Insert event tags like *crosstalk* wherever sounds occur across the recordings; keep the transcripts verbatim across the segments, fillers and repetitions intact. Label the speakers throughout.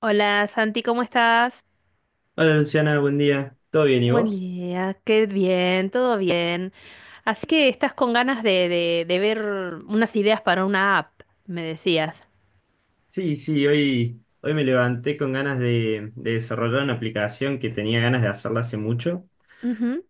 Speaker 1: Hola Santi, ¿cómo estás?
Speaker 2: Hola Luciana, buen día. ¿Todo bien y
Speaker 1: Buen
Speaker 2: vos?
Speaker 1: día, qué bien, todo bien. Así que estás con ganas de, de- de ver unas ideas para una app, me decías.
Speaker 2: Sí, sí, hoy, hoy me levanté con ganas de, de desarrollar una aplicación que tenía ganas de hacerla hace mucho,
Speaker 1: Ujú.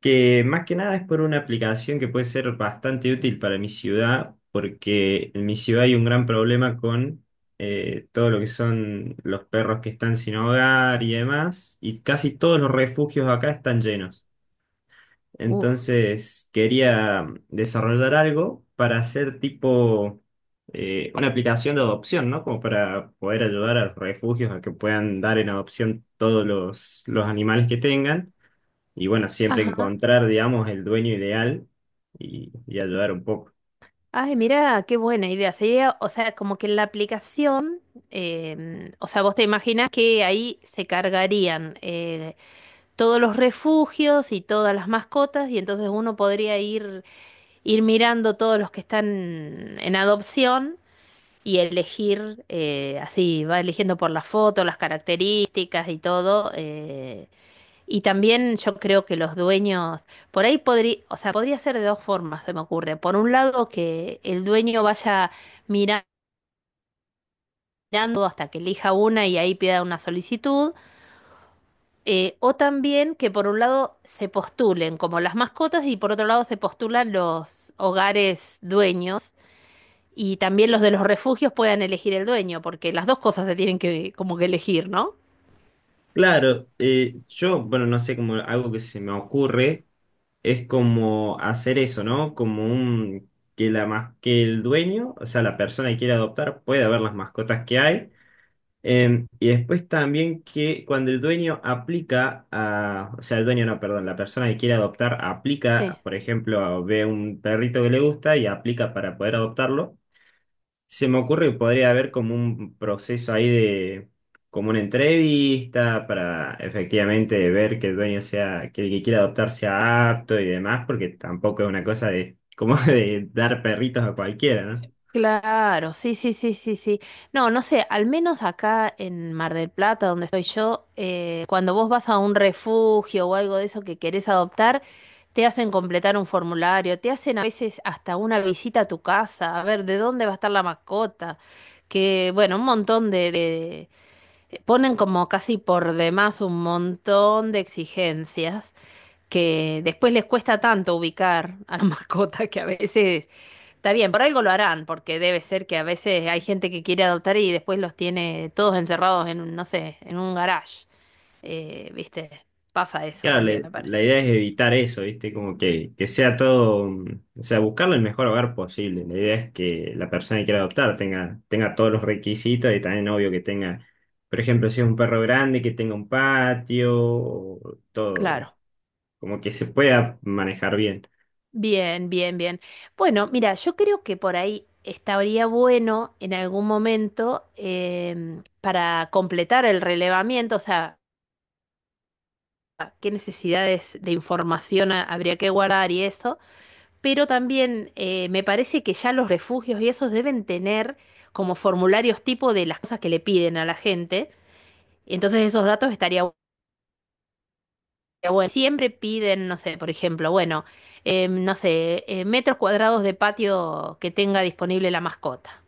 Speaker 2: que más que nada es por una aplicación que puede ser bastante útil para mi ciudad, porque en mi ciudad hay un gran problema con eh, todo lo que son los perros que están sin hogar y demás, y casi todos los refugios acá están llenos.
Speaker 1: Uf.
Speaker 2: Entonces quería desarrollar algo para hacer tipo eh, una aplicación de adopción, ¿no? Como para poder ayudar a los refugios a que puedan dar en adopción todos los, los animales que tengan. Y bueno, siempre
Speaker 1: Ajá.
Speaker 2: encontrar, digamos, el dueño ideal y, y ayudar un poco.
Speaker 1: Ay, mira, qué buena idea. Sería, o sea, como que en la aplicación, em, o sea, vos te imaginas que ahí se cargarían eh, todos los refugios y todas las mascotas, y entonces uno podría ir, ir mirando todos los que están en adopción. Y elegir, eh, así, va eligiendo por las fotos, las características y todo. Eh, y también yo creo que los dueños, por ahí podría, o sea, podría ser de dos formas, se me ocurre. Por un lado, que el dueño vaya mira- mirando hasta que elija una y ahí pida una solicitud. Eh, o también que por un lado se postulen como las mascotas y por otro lado se postulan los hogares dueños. Y también los de los refugios puedan elegir el dueño, porque las dos cosas se tienen que como que elegir, ¿no?
Speaker 2: Claro, eh, yo, bueno, no sé, como algo que se me ocurre es como hacer eso, ¿no? Como un, que la, mas- que el dueño, o sea, la persona que quiere adoptar, pueda ver las mascotas que hay. Em, y después también que cuando el dueño aplica a, o sea, el dueño no, perdón, la persona que quiere adoptar
Speaker 1: Sí.
Speaker 2: aplica, por ejemplo, ve un perrito que le gusta y aplica para poder adoptarlo. Se me ocurre que podría haber como un proceso ahí de, como una entrevista para efectivamente ver que el dueño sea, que el que quiera adoptar sea apto y demás, porque tampoco es una cosa de, como *laughs* de dar perritos a cualquiera, ¿no?
Speaker 1: Claro, sí, sí, sí, sí, sí. No, no sé, al menos acá en Mar del Plata, donde estoy yo, eh, cuando vos vas a un refugio o algo de eso que querés adoptar, te hacen completar un formulario, te hacen a veces hasta una visita a tu casa, a ver de dónde va a estar la mascota, que bueno, un montón de, de- ponen como casi por demás un montón de exigencias que después les cuesta tanto ubicar a la *laughs* mascota que a veces, está bien, por algo lo harán, porque debe ser que a veces hay gente que quiere adoptar y después los tiene todos encerrados en, un, no sé, en un garage. Eh, ¿viste? Pasa eso
Speaker 2: Claro,
Speaker 1: también,
Speaker 2: le-
Speaker 1: me parece.
Speaker 2: la idea es evitar eso, ¿viste? Como que, que sea todo, mm, o sea, buscarle el mejor hogar posible. La idea es que la persona que quiera adoptar tenga, tenga todos los requisitos y también obvio que tenga, por ejemplo, si es un perro grande, que tenga un patio, o todo,
Speaker 1: Claro.
Speaker 2: como que se pueda manejar bien.
Speaker 1: Bien, bien, bien. Bueno, mira, yo creo que por ahí estaría bueno en algún momento em, para completar el relevamiento, o sea, qué necesidades de información ha- habría que guardar y eso. Pero también eh, me parece que ya los refugios y esos deben tener como formularios tipo de las cosas que le piden a la gente. Entonces esos datos estaría bu- bueno. Siempre piden, no sé, por ejemplo, bueno, eh, no sé, eh, metros cuadrados de patio que tenga disponible la mascota.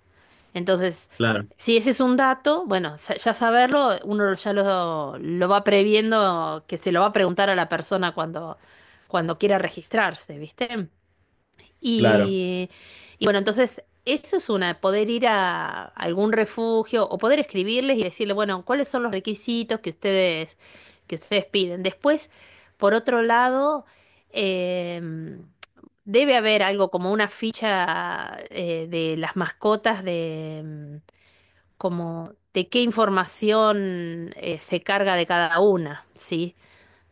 Speaker 1: Entonces,
Speaker 2: Claro,
Speaker 1: si ese es un dato, bueno, sa- ya saberlo, uno ya lo, lo va previendo, que se lo va a preguntar a la persona cuando, cuando quiera registrarse, ¿viste?
Speaker 2: claro.
Speaker 1: Y, y bueno, entonces eso es una, poder ir a algún refugio o poder escribirles y decirle, bueno, ¿cuáles son los requisitos que ustedes, que ustedes piden? Después, por otro lado, em, debe haber algo como una ficha eh, de las mascotas de... em, como de qué información eh, se carga de cada una, ¿sí?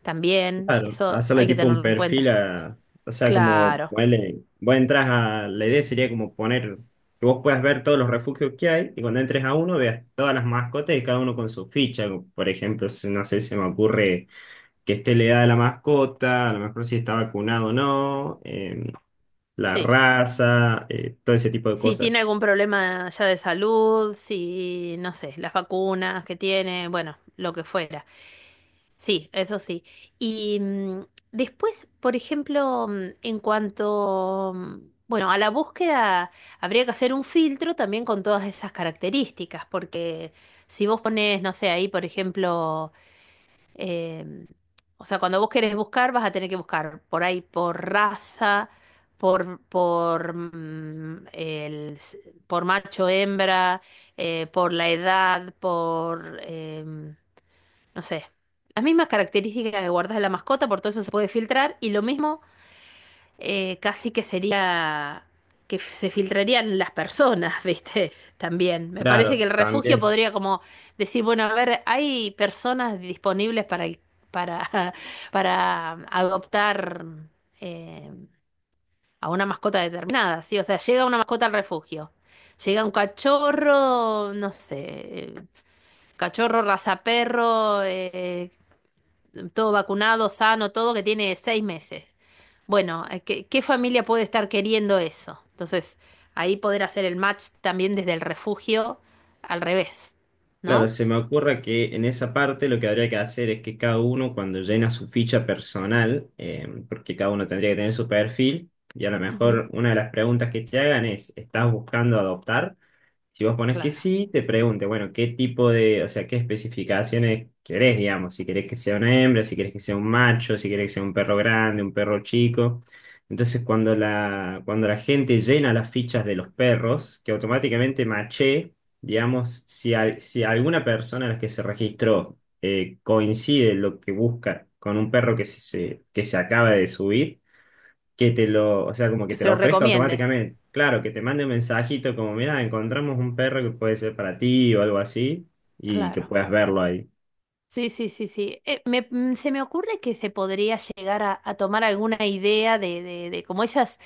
Speaker 1: También,
Speaker 2: Claro,
Speaker 1: eso
Speaker 2: hacerle
Speaker 1: hay que
Speaker 2: tipo un
Speaker 1: tenerlo en
Speaker 2: perfil
Speaker 1: cuenta.
Speaker 2: a, o sea, como
Speaker 1: Claro,
Speaker 2: ponerle, vos entras a, la idea sería como poner, que vos puedas ver todos los refugios que hay y cuando entres a uno veas todas las mascotas y cada uno con su ficha, como, por ejemplo, si- no sé, se me ocurre que esté la edad de la mascota, a lo mejor si está vacunado o no, eh, la
Speaker 1: sí.
Speaker 2: raza, eh, todo ese tipo de
Speaker 1: Si
Speaker 2: cosas.
Speaker 1: tiene algún problema ya de salud, si, no sé, las vacunas que tiene, bueno, lo que fuera. Sí, eso sí. Y mm, después, por ejemplo, mm, en cuanto, mm, bueno, a la búsqueda, habría que hacer un filtro también con todas esas características, porque si vos pones, no sé, ahí, por ejemplo, eh, o sea, cuando vos querés buscar, vas a tener que buscar por ahí, por raza, por, por, mm, el, s- por macho, hembra, eh, por la edad, por, em, no sé, las mismas características que guardas de la mascota, por todo eso se puede filtrar. Y lo mismo eh, casi que sería que f- se filtrarían las personas, *laughs* ¿viste? También. Me parece que
Speaker 2: Claro,
Speaker 1: el refugio
Speaker 2: también.
Speaker 1: podría como decir, bueno, a ver, hay personas disponibles para el- para, *laughs* para adoptar eh, a una mascota determinada, ¿sí? O sea, llega una mascota al refugio. Llega un cachorro, no sé, eh, cachorro, raza perro, eh, todo vacunado, sano, todo, que tiene seis meses. Bueno, eh, ¿qué, qué familia puede estar queriendo eso? Entonces, ahí poder hacer el match también desde el refugio al revés,
Speaker 2: Claro,
Speaker 1: ¿no?
Speaker 2: se me ocurre que en esa parte lo que habría que hacer es que cada uno cuando llena su ficha personal, eh, porque cada uno tendría que tener su perfil, y a lo
Speaker 1: Ujú.
Speaker 2: mejor una de las preguntas que te hagan es, ¿estás buscando adoptar? Si vos pones que
Speaker 1: Claro.
Speaker 2: sí, te pregunte, bueno, qué tipo de, o sea, qué especificaciones querés, digamos, si querés que sea una hembra, si querés que sea un macho, si querés que sea un perro grande, un perro chico. Entonces, cuando la, cuando la gente llena las fichas de los perros, que automáticamente maché, digamos, si, al- si alguna persona a la que se registró eh, coincide lo que busca con un perro que se, se- que se acaba de subir, que te lo, o sea, como que
Speaker 1: Que
Speaker 2: te
Speaker 1: se
Speaker 2: lo
Speaker 1: lo
Speaker 2: ofrezca
Speaker 1: recomiende.
Speaker 2: automáticamente. Claro, que te mande un mensajito como, mira, encontramos un perro que puede ser para ti o algo así, y que
Speaker 1: Claro.
Speaker 2: puedas verlo ahí.
Speaker 1: Sí, sí, sí, sí. Eh, me- mm, se me ocurre que se podría llegar a, a tomar alguna idea de, de, de como esas,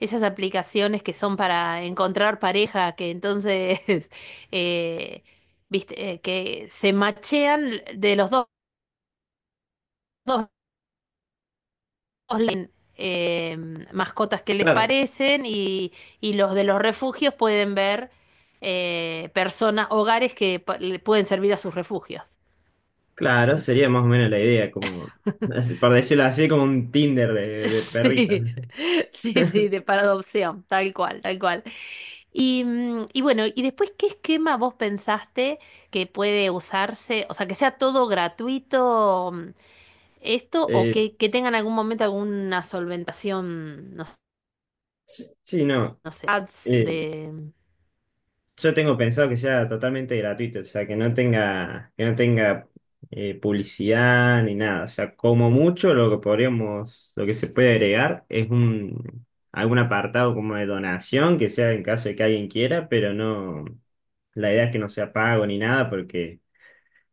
Speaker 1: esas aplicaciones que son para encontrar pareja, que entonces, *laughs* eh, viste, eh, que se machean de los dos, dos leen eh, mascotas que les
Speaker 2: Claro,
Speaker 1: parecen y, y los de los refugios pueden ver eh, personas, hogares que pa- le pueden servir a sus refugios.
Speaker 2: claro, sería más o menos la idea, como,
Speaker 1: *laughs*
Speaker 2: *laughs* por decirlo así, como un Tinder de, de perritas.
Speaker 1: Sí, sí, sí, de para adopción, tal cual, tal cual. Y, mm, y bueno, y después, ¿qué esquema vos pensaste que puede usarse? O sea, que sea todo gratuito, mm, esto, o
Speaker 2: Eh,
Speaker 1: que, que tengan algún momento alguna solventación, no, s-
Speaker 2: sí, sí, no.
Speaker 1: no sé, ads
Speaker 2: eh,
Speaker 1: de...
Speaker 2: Yo tengo pensado que sea totalmente gratuito, o sea, que no tenga, que no tenga eh, publicidad ni nada. O sea, como mucho lo que podríamos, lo que se puede agregar es un algún apartado como de donación, que sea en caso de que alguien quiera, pero no, la idea es que no sea pago ni nada, porque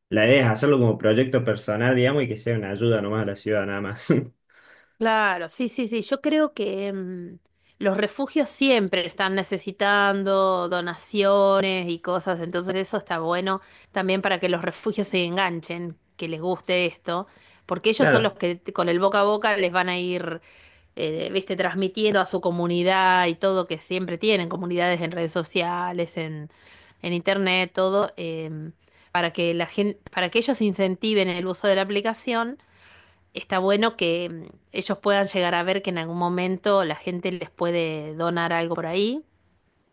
Speaker 2: la idea es hacerlo como proyecto personal, digamos, y que sea una ayuda nomás a la ciudad, nada más. *laughs*
Speaker 1: Claro, sí, sí, sí. Yo creo que mm, los refugios siempre están necesitando donaciones y cosas, entonces eso está bueno también para que los refugios se enganchen, que les guste esto, porque ellos son los
Speaker 2: Claro,
Speaker 1: que t- con el boca a boca les van a ir, eh, viste, transmitiendo a su comunidad y todo, que siempre tienen, comunidades en redes sociales, en, en internet, todo, em, para que la gente, para que ellos incentiven el uso de la aplicación, está bueno que mm, ellos puedan llegar a ver que en algún momento la gente les puede donar algo por ahí.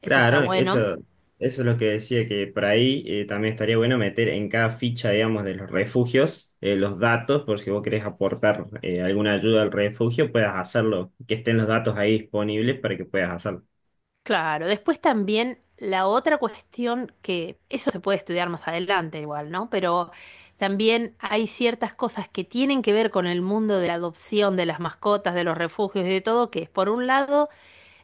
Speaker 1: Eso está
Speaker 2: claro,
Speaker 1: bueno.
Speaker 2: eso, eso es lo que decía, que por ahí eh, también estaría bueno meter en cada ficha, digamos, de los refugios, eh, los datos, por si vos querés aportar eh, alguna ayuda al refugio, puedas hacerlo, que estén los datos ahí disponibles para que puedas hacerlo.
Speaker 1: Claro, después también la otra cuestión, que eso se puede estudiar más adelante igual, ¿no? Pero también hay ciertas cosas que tienen que ver con el mundo de la adopción, de las mascotas, de los refugios y de todo, que es por un lado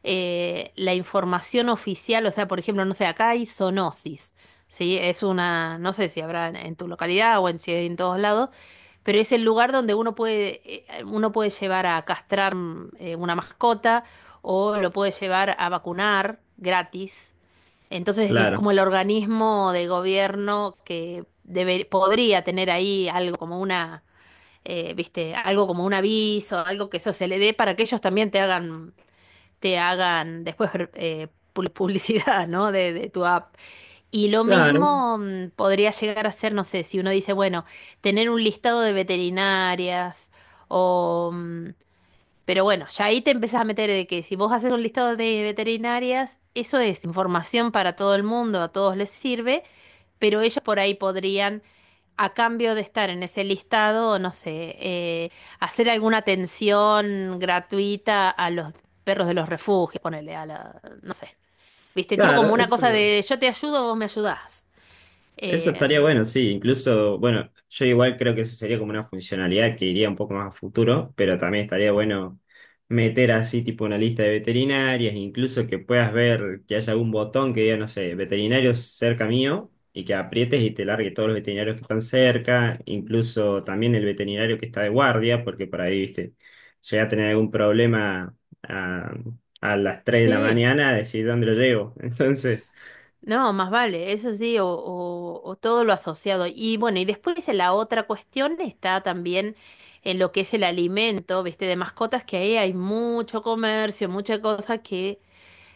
Speaker 1: eh, la información oficial, o sea, por ejemplo, no sé, acá hay zoonosis, ¿sí? Es una, no sé si habrá en, en tu localidad o en, si hay en todos lados, pero es el lugar donde uno puede, eh, uno puede llevar a castrar, mm, eh, una mascota, o lo puede llevar a vacunar gratis. Entonces es
Speaker 2: Claro,
Speaker 1: como el organismo de gobierno que debe- podría tener ahí algo como una, eh, viste, algo como un aviso, algo que eso se le dé para que ellos también te hagan, te hagan después eh, pu- publicidad, ¿no? De, de tu app. Y lo
Speaker 2: claro,
Speaker 1: mismo mm, podría llegar a ser, no sé, si uno dice, bueno, tener un listado de veterinarias o... mm, pero bueno, ya ahí te empezás a meter de que si vos haces un listado de veterinarias, eso es información para todo el mundo, a todos les sirve, pero ellos por ahí podrían, a cambio de estar en ese listado, no sé, eh, hacer alguna atención gratuita a los perros de los refugios, ponerle a la, no sé, viste, tipo como
Speaker 2: claro,
Speaker 1: una cosa
Speaker 2: eso,
Speaker 1: de yo te ayudo, vos me ayudás.
Speaker 2: Eso estaría
Speaker 1: Em,
Speaker 2: bueno, sí. Incluso, bueno, yo igual creo que eso sería como una funcionalidad que iría un poco más a futuro, pero también estaría bueno meter así tipo una lista de veterinarias, incluso que puedas ver que haya algún botón que diga, no sé, veterinarios cerca mío, y que aprietes y te largue todos los veterinarios que están cerca, incluso también el veterinario que está de guardia, porque por ahí, viste, llega a tener algún problema a, a las tres de la
Speaker 1: sí,
Speaker 2: mañana, decir dónde lo llevo. *laughs* Entonces...
Speaker 1: no, más vale, eso sí, o, o o todo lo asociado. Y bueno, y después la otra cuestión está también en lo que es el alimento, viste, de mascotas, que ahí hay mucho comercio, mucha cosa que...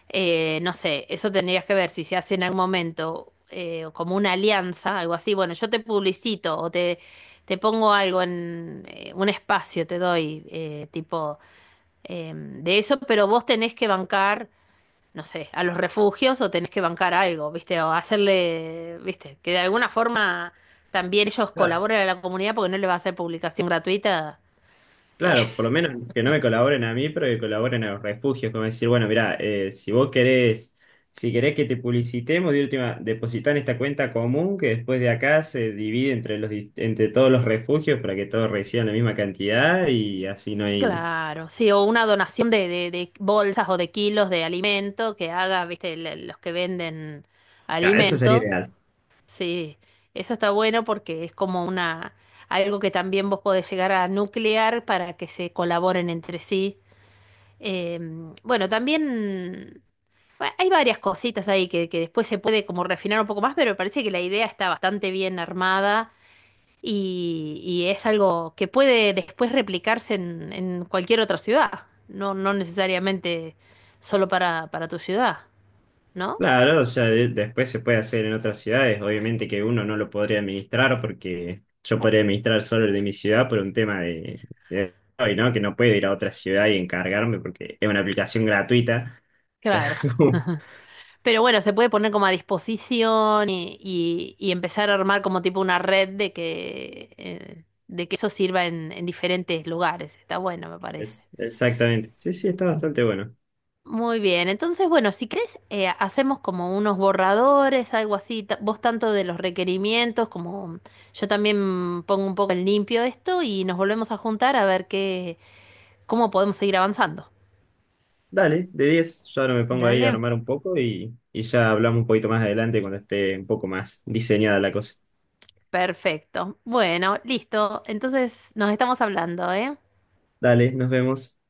Speaker 1: eh, no sé, eso tendrías que ver si se hace en algún momento eh, como una alianza, algo así. Bueno, yo te publicito o te, te pongo algo en eh, un espacio, te doy eh, tipo eh, de eso, pero vos tenés que bancar, no sé, a los refugios, o tenés que bancar algo, ¿viste? O hacerle, ¿viste? Que de alguna forma también ellos colaboren a la comunidad, porque no le va a hacer publicación gratuita.
Speaker 2: Claro, por lo menos que no me colaboren a mí, pero que colaboren a los refugios, como decir, bueno, mirá, eh, si vos querés, si querés que te publicitemos, de última, depositá en esta cuenta común que después de acá se divide entre los, dis- entre todos los refugios para que todos reciban la misma cantidad y así no hay.
Speaker 1: Claro, sí, o una donación de, de, de bolsas o de kilos de alimento que haga, viste, le- los que venden
Speaker 2: Claro, eso sería
Speaker 1: alimento.
Speaker 2: ideal.
Speaker 1: Sí, eso está bueno porque es como una, algo que también vos podés llegar a nuclear para que se colaboren entre sí. Em, bueno, también bueno, hay varias cositas ahí que, que después se puede como refinar un poco más, pero me parece que la idea está bastante bien armada y, y es algo que puede después replicarse en, en cualquier otra ciudad, no, no necesariamente solo para, para tu ciudad, ¿no?
Speaker 2: Claro, o sea, de- después se puede hacer en otras ciudades. Obviamente que uno no lo podría administrar porque yo podría administrar solo el de mi ciudad por un tema de, de hoy, ¿no? Que no puedo ir a otra ciudad y encargarme porque es una aplicación gratuita. O sea,
Speaker 1: Claro.
Speaker 2: *laughs* como-
Speaker 1: Pero bueno, se puede poner como a disposición y, y- y empezar a armar como tipo una red de que, eh, de que eso sirva en, en diferentes lugares. Está bueno, me parece.
Speaker 2: es, exactamente. Sí, sí, está bastante bueno.
Speaker 1: Muy bien, entonces bueno, si crees, eh, hacemos como unos borradores, algo así, ta- vos tanto de los requerimientos como yo también pongo un poco en limpio esto, y nos volvemos a juntar a ver qué, cómo podemos seguir avanzando.
Speaker 2: Dale, de diez, yo ahora me pongo ahí a
Speaker 1: Dale,
Speaker 2: armar un poco y, y ya hablamos un poquito más adelante cuando esté un poco más diseñada la cosa.
Speaker 1: perfecto. Bueno, listo, entonces nos estamos hablando, ¿eh?
Speaker 2: Dale, nos vemos.